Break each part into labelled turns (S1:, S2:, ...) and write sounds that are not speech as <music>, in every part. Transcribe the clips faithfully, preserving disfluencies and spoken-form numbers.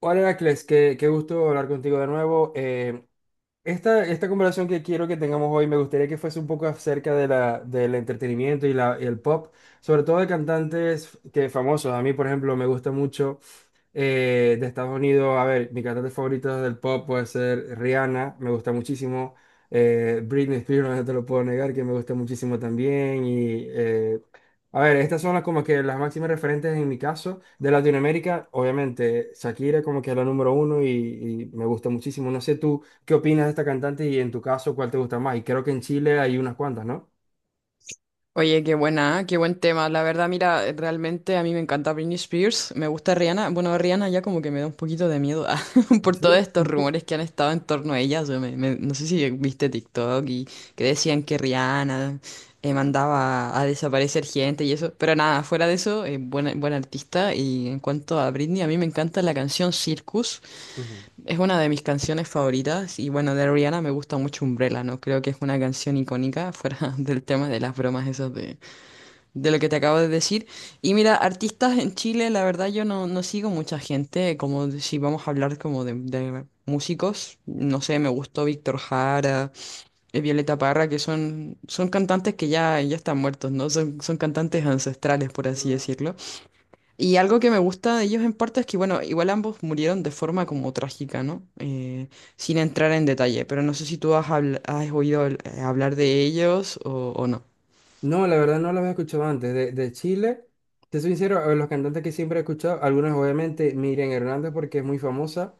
S1: Hola, Heracles, qué, qué gusto hablar contigo de nuevo. Eh, esta, esta conversación que quiero que tengamos hoy me gustaría que fuese un poco acerca de la, del entretenimiento y, la, y el pop, sobre todo de cantantes que, famosos. A mí, por ejemplo, me gusta mucho. Eh, de Estados Unidos, a ver, mi cantante favorito del pop puede ser Rihanna, me gusta muchísimo. Eh, Britney Spears, no te lo puedo negar, que me gusta muchísimo también. Y, eh, a ver, estas son las, como que las máximas referentes en mi caso. De Latinoamérica, obviamente, Shakira como que es la número uno y, y me gusta muchísimo. No sé tú, ¿qué opinas de esta cantante y en tu caso, cuál te gusta más? Y creo que en Chile hay unas cuantas, ¿no?
S2: Oye, qué buena, ¿eh? Qué buen tema. La verdad, mira, eh, realmente a mí me encanta Britney Spears, me gusta Rihanna. Bueno, Rihanna ya como que me da un poquito de miedo <laughs> por
S1: Sí.
S2: todos estos
S1: <laughs>
S2: rumores que han estado en torno a ella. O sea, me- me- no sé si viste TikTok y que decían que Rihanna eh, mandaba a desaparecer gente y eso. Pero nada, fuera de eso, eh, buena, buena artista. Y en cuanto a Britney, a mí me encanta la canción Circus.
S1: Ujú.
S2: Es una de mis canciones favoritas y bueno, de Rihanna me gusta mucho Umbrella, ¿no? Creo que es una canción icónica fuera <laughs> del tema de las bromas esas de de lo que te acabo de decir. Y mira, artistas en Chile, la verdad yo no, no sigo mucha gente, como de- si vamos a hablar como de, de músicos, no sé, me gustó Víctor Jara, eh, Violeta Parra, que son, son cantantes que ya, ya están muertos, ¿no? Son, son cantantes ancestrales, por así decirlo. Y algo que me gusta de ellos en parte es que, bueno, igual ambos murieron de forma como trágica, ¿no? Eh, sin entrar en detalle, pero no sé si tú has, habl- has oído habl- hablar de ellos o o no.
S1: No, la verdad no los había escuchado antes. De, de Chile, te soy sincero, a los cantantes que siempre he escuchado, algunos obviamente Miriam Hernández porque es muy famosa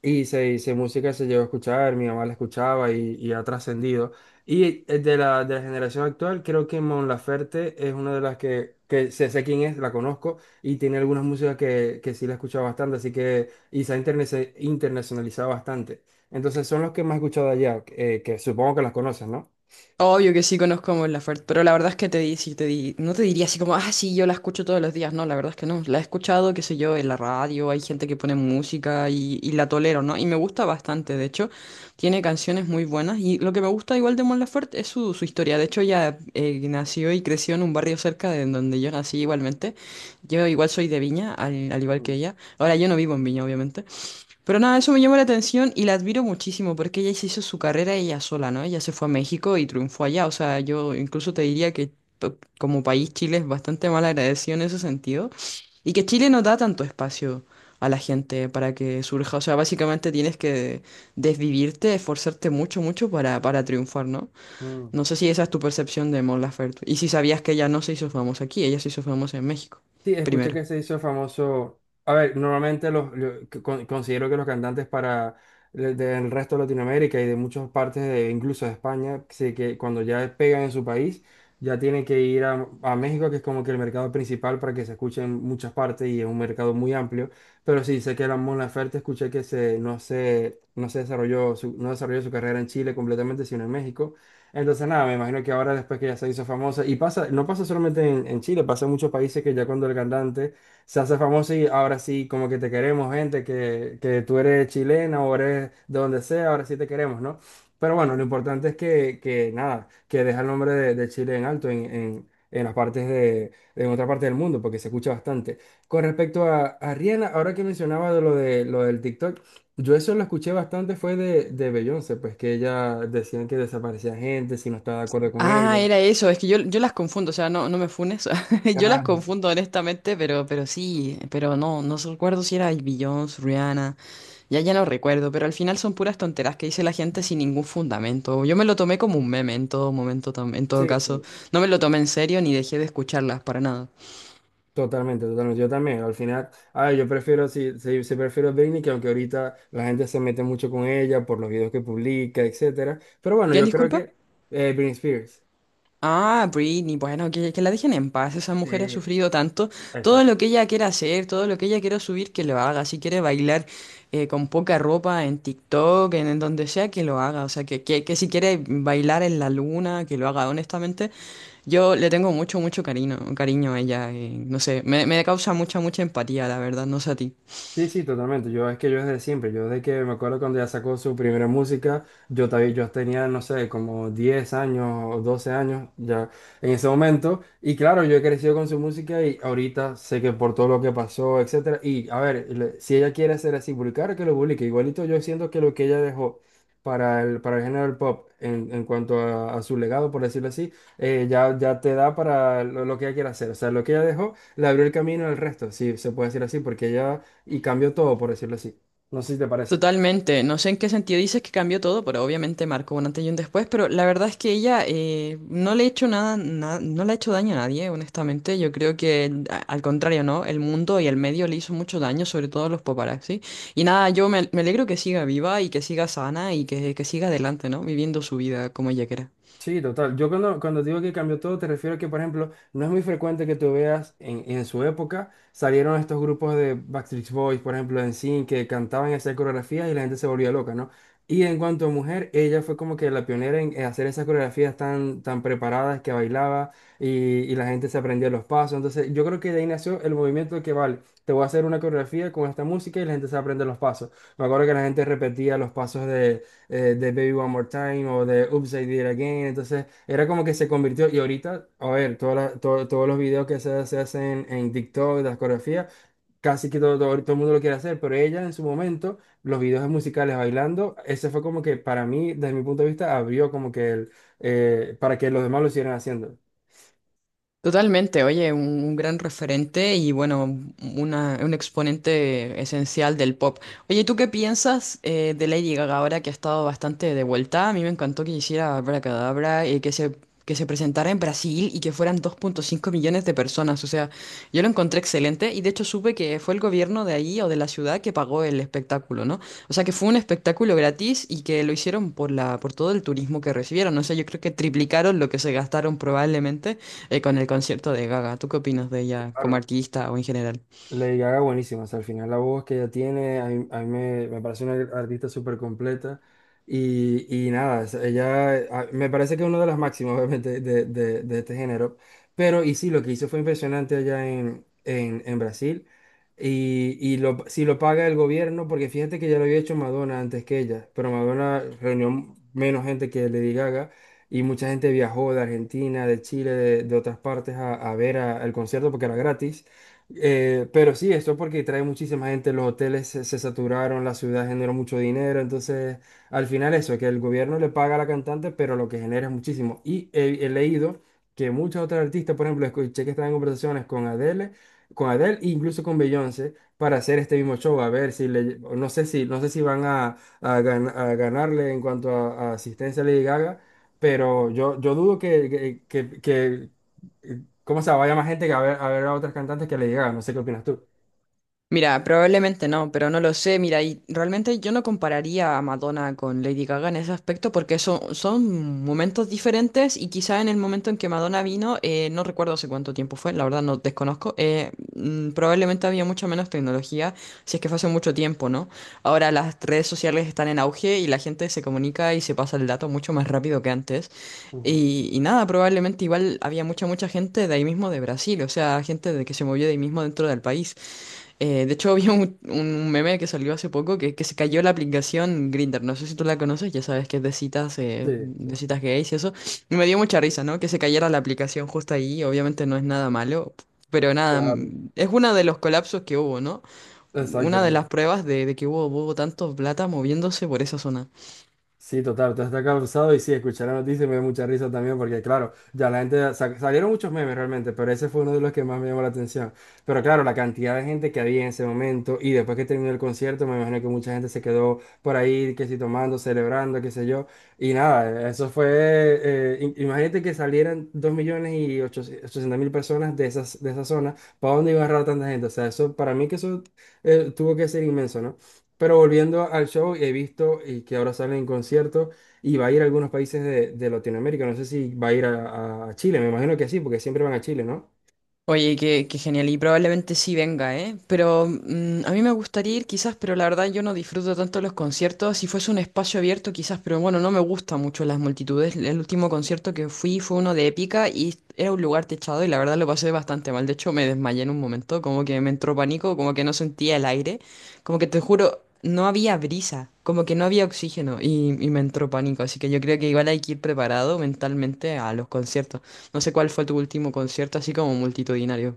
S1: y se hizo música, se llegó a escuchar, mi mamá la escuchaba y, y ha trascendido. Y eh, de la, de la generación actual, creo que Mon Laferte es una de las que, que sé, sé quién es, la conozco y tiene algunas músicas que, que sí la he escuchado bastante, así que y se ha interne- se- internacionalizado bastante. Entonces son los que más he escuchado allá, eh, que supongo que las conoces, ¿no?
S2: Obvio que sí conozco a Mon Laferte, pero la verdad es que te di, sí, te di, no te diría así como, ah, sí, yo la escucho todos los días. No, la verdad es que no. La he escuchado, qué sé yo, en la radio, hay gente que pone música y, y la tolero, ¿no? Y me gusta bastante, de hecho, tiene canciones muy buenas. Y lo que me gusta igual de Mon Laferte es su, su historia. De hecho, ella eh, nació y creció en un barrio cerca de donde yo nací igualmente. Yo igual soy de Viña, al, al igual que
S1: Mm,
S2: ella. Ahora yo no vivo en Viña, obviamente. Pero nada, eso me llamó la atención y la admiro muchísimo porque ella se hizo su carrera ella sola, ¿no? Ella se fue a México y triunfó allá. O sea, yo incluso te diría que to- como país Chile es bastante mal agradecido en ese sentido y que Chile no da tanto espacio a la gente para que surja. O sea, básicamente tienes que desvivirte, esforzarte mucho, mucho para, para triunfar, ¿no?
S1: mm.
S2: No sé si esa es tu percepción de Mon Laferte y si sabías que ella no se hizo famosa aquí, ella se hizo famosa en México
S1: Sí, escuché
S2: primero.
S1: que se hizo famoso. A ver, normalmente los, lo- que con- considero que los cantantes para le- del resto de Latinoamérica y de muchas partes, de, incluso de España, sí que cuando ya pegan en su país, ya tienen que ir a, a México, que es como que el mercado principal para que se escuche en muchas partes y es un mercado muy amplio. Pero sí, sé que la Mon Laferte escuché que se, no se, no se desarrolló su, no desarrolló su carrera en Chile completamente, sino en México. Entonces, nada, me imagino que ahora después que ya se hizo famosa, y pasa, no pasa solamente en, en Chile, pasa en muchos países que ya cuando el cantante se hace famoso y ahora sí, como que te queremos, gente, que, que tú eres chilena o eres de donde sea, ahora sí te queremos, ¿no? Pero bueno, lo importante es que, que nada, que deja el nombre de, de Chile en alto en, en, en las partes de, en otra parte del mundo, porque se escucha bastante. Con respecto a, a Rihanna, ahora que mencionaba de lo, de, lo del TikTok. Yo eso lo escuché bastante fue de, de Beyoncé, pues que ella decían que desaparecía gente si no estaba de acuerdo con ella.
S2: Ah, era eso, es que yo, yo las confundo, o sea, no, no me funes, <laughs> yo las
S1: Ah,
S2: confundo honestamente, pero, pero sí, pero no, no so- recuerdo si era Beyoncé, Rihanna, ya, ya no recuerdo, pero al final son puras tonteras que dice la gente sin ningún fundamento, yo me lo tomé como un meme en todo momento, tam- en todo
S1: sí,
S2: caso,
S1: sí.
S2: no me lo tomé en serio ni dejé de escucharlas para nada.
S1: Totalmente, totalmente. Yo también. Al final, ah, yo prefiero, sí, sí, sí prefiero Britney, que aunque ahorita la gente se mete mucho con ella por los videos que publica, etcétera. Pero bueno,
S2: ¿Quién
S1: yo creo
S2: disculpa?
S1: que eh, Britney Spears.
S2: Ah, Britney, bueno, que, que la dejen en paz. Esa mujer ha
S1: Sí,
S2: sufrido tanto. Todo lo
S1: exacto.
S2: que ella quiera hacer, todo lo que ella quiera subir, que lo haga. Si quiere bailar eh, con poca ropa en TikTok, en, en donde sea, que lo haga. O sea, que, que, que si quiere bailar en la luna, que lo haga. Honestamente, yo le tengo mucho, mucho cariño, cariño a ella. Eh, no sé, me, me causa mucha, mucha empatía, la verdad. No sé a ti.
S1: Sí, sí, totalmente. Yo es que yo desde siempre, yo desde que me acuerdo cuando ella sacó su primera música, yo, ta- yo tenía, no sé, como diez años o doce años ya en ese momento. Y claro, yo he crecido con su música y ahorita sé que por todo lo que pasó, etcétera. Y a ver, le- si ella quiere ser así, publicar, que lo publique. Igualito yo siento que lo que ella dejó para el, para el género del pop en, en cuanto a, a su legado, por decirlo así, eh, ya, ya te da para lo, lo que ella quiere hacer. O sea, lo que ella dejó le abrió el camino al resto, si se puede decir así, porque ella y cambió todo, por decirlo así. No sé si te parece.
S2: Totalmente, no sé en qué sentido dices que cambió todo, pero obviamente marcó un antes y un después, pero la verdad es que ella eh, no le ha hecho nada, na- no le ha hecho daño a nadie, honestamente, yo creo que a- al contrario, ¿no? El mundo y el medio le hizo mucho daño, sobre todo a los paparazzi, y nada, yo me, me alegro que siga viva y que siga sana y que, que siga adelante, ¿no? Viviendo su vida como ella quiera.
S1: Sí, total. Yo cuando, cuando digo que cambió todo, te refiero a que, por ejemplo, no es muy frecuente que tú veas en, en su época salieron estos grupos de Backstreet Boys, por ejemplo, en NSYNC, que cantaban esas coreografías y la gente se volvía loca, ¿no? Y en cuanto a mujer, ella fue como que la pionera en en hacer esas coreografías tan, tan preparadas que bailaba y, y la gente se aprendía los pasos. Entonces, yo creo que de ahí nació el movimiento que, vale, te voy a hacer una coreografía con esta música y la gente se aprende los pasos. Me acuerdo que la gente repetía los pasos de, eh, de Baby One More Time o de Oops, I Did It Again. Entonces, era como que se convirtió. Y ahorita, a ver, toda la- to- todos los videos que se, se hacen en TikTok, las coreografías, casi que todo, todo, todo el mundo lo quiere hacer, pero ella en su momento, los videos musicales bailando, ese fue como que para mí, desde mi punto de vista, abrió como que el, eh, para que los demás lo siguieran haciendo.
S2: Totalmente, oye, un, un gran referente y bueno, una- un exponente esencial del pop. Oye, ¿tú qué piensas eh, de Lady Gaga ahora que ha estado bastante de vuelta? A mí me encantó que hiciera Abracadabra y que se, que se presentara en Brasil y que fueran dos punto cinco millones de personas. O sea, yo lo encontré excelente y de hecho supe que fue el gobierno de ahí o de la ciudad que pagó el espectáculo, ¿no? O sea, que fue un espectáculo gratis y que lo hicieron por la, por todo el turismo que recibieron. O sea, yo creo que triplicaron lo que se gastaron probablemente eh, con el concierto de Gaga. ¿Tú qué opinas de ella como
S1: Claro.
S2: artista o en general?
S1: Lady Gaga buenísima, o sea, al final la voz que ella tiene, a mí, a mí me, me parece una artista súper completa y, y nada, o sea, ella eh, a- me parece que es una de las máximas <laughs> obviamente de, de- de este género, pero y sí, lo que hizo fue impresionante allá en, en, en Brasil y, y lo, si lo paga el gobierno, porque fíjate que ya lo había hecho Madonna antes que ella, pero Madonna reunió menos gente que Lady Gaga y mucha gente viajó de Argentina, de Chile, de, de otras partes a, a ver a- al concierto porque era gratis. Eh, pero sí, esto porque trae muchísima gente, los hoteles se, se saturaron, la ciudad generó mucho dinero, entonces al final eso, que el gobierno le paga a la cantante, pero lo que genera es muchísimo. Y he, he leído que muchas otras artistas, por ejemplo, escuché que están en conversaciones con Adele, con Adele e incluso con Beyoncé para hacer este mismo show, a ver si le, no sé si, no sé si van a, a gan- a ganarle en cuanto a, a asistencia a Lady Gaga, pero yo, yo dudo que, que, que que- ¿cómo se vaya más gente que a ver, a ver a otras cantantes que le llegaron? No sé qué opinas tú.
S2: Mira, probablemente no, pero no lo sé. Mira, y realmente yo no compararía a Madonna con Lady Gaga en ese aspecto porque son, son momentos diferentes y quizá en el momento en que Madonna vino, eh, no recuerdo hace cuánto tiempo fue, la verdad no desconozco, eh, mm, probablemente había mucha menos tecnología, si es que fue hace mucho tiempo, ¿no? Ahora las redes sociales están en auge y la gente se comunica y se pasa el dato mucho más rápido que antes.
S1: Ujú.
S2: Y, y nada, probablemente igual había mucha, mucha gente de ahí mismo de Brasil, o sea, gente de que se movió de ahí mismo dentro del país. Eh, de hecho, <laughs> había un, un meme que salió hace poco que, que se cayó la aplicación Grindr. No sé si tú la conoces, ya sabes que es de citas, eh,
S1: Sí, sí,
S2: de citas gays y eso. Y me dio mucha risa, ¿no? Que se cayera la aplicación justo ahí. Obviamente no es nada malo, pero nada,
S1: claro,
S2: mm, es uno de los colapsos que hubo, ¿no? Una de las
S1: exactamente.
S2: pruebas de, de que hubo, hubo tanto plata moviéndose por esa zona.
S1: Sí, total, entonces está causado y sí, escuchar la noticia me da mucha risa también porque claro, ya la gente, sa- salieron muchos memes realmente, pero ese fue uno de los que más me llamó la atención. Pero claro, la cantidad de gente que había en ese momento y después que terminó el concierto, me imagino que mucha gente se quedó por ahí, que si tomando, celebrando, qué sé yo. Y nada, eso fue, eh, im- imagínate que salieran dos millones y ochocientos mil personas de esas, de esa zona, ¿para dónde iba a agarrar tanta gente? O sea, eso, para mí que eso eh, tuvo que ser inmenso, ¿no? Pero volviendo al show, he visto y que ahora sale en concierto y va a ir a algunos países de, de Latinoamérica. No sé si va a ir a, a Chile, me imagino que sí, porque siempre van a Chile, ¿no?
S2: Oye, qué, qué genial, y probablemente sí venga, ¿eh? Pero mm, a mí me gustaría ir quizás, pero la verdad yo no disfruto tanto los conciertos. Si fuese un espacio abierto quizás, pero bueno, no me gustan mucho las multitudes. El último concierto que fui fue uno de Épica y era un lugar techado y la verdad lo pasé bastante mal. De hecho, me desmayé en un momento, como que me entró pánico, como que no sentía el aire, como que te juro, no había brisa, como que no había oxígeno y, y me entró pánico. Así que yo creo que igual hay que ir preparado mentalmente a los conciertos. No sé cuál fue tu último concierto, así como multitudinario.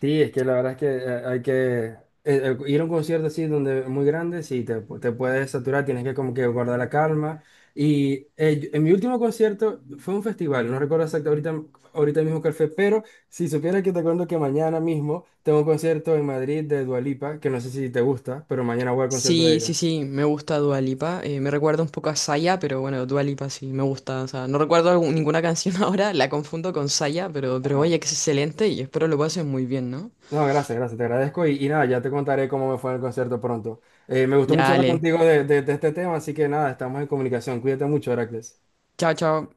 S1: Sí, es que la verdad es que eh, hay que eh, eh, ir a un concierto así donde muy grande, sí, te, pu- te puedes saturar, tienes que como que guardar la calma. Y eh, yo- en mi último concierto fue un festival, no recuerdo exacto ahorita, ahorita mismo cuál fue, pero si supiera que te cuento que mañana mismo tengo un concierto en Madrid de Dua Lipa, que no sé si te gusta, pero mañana voy al concierto de
S2: Sí, sí,
S1: ella.
S2: sí, me gusta Dua Lipa. Eh, me recuerda un poco a Saya, pero bueno, Dua Lipa sí, me gusta. O sea, no recuerdo algún- ninguna canción <laughs> ahora, la confundo con Saya, pero, pero oye, que es excelente y espero lo pases muy bien, ¿no?
S1: No, gracias, gracias, te agradezco y, y nada, ya te contaré cómo me fue en el concierto pronto. Eh, me gustó
S2: Ya,
S1: mucho hablar
S2: dale.
S1: contigo de, de de este tema, así que nada, estamos en comunicación. Cuídate mucho, Heracles.
S2: Chao, chao.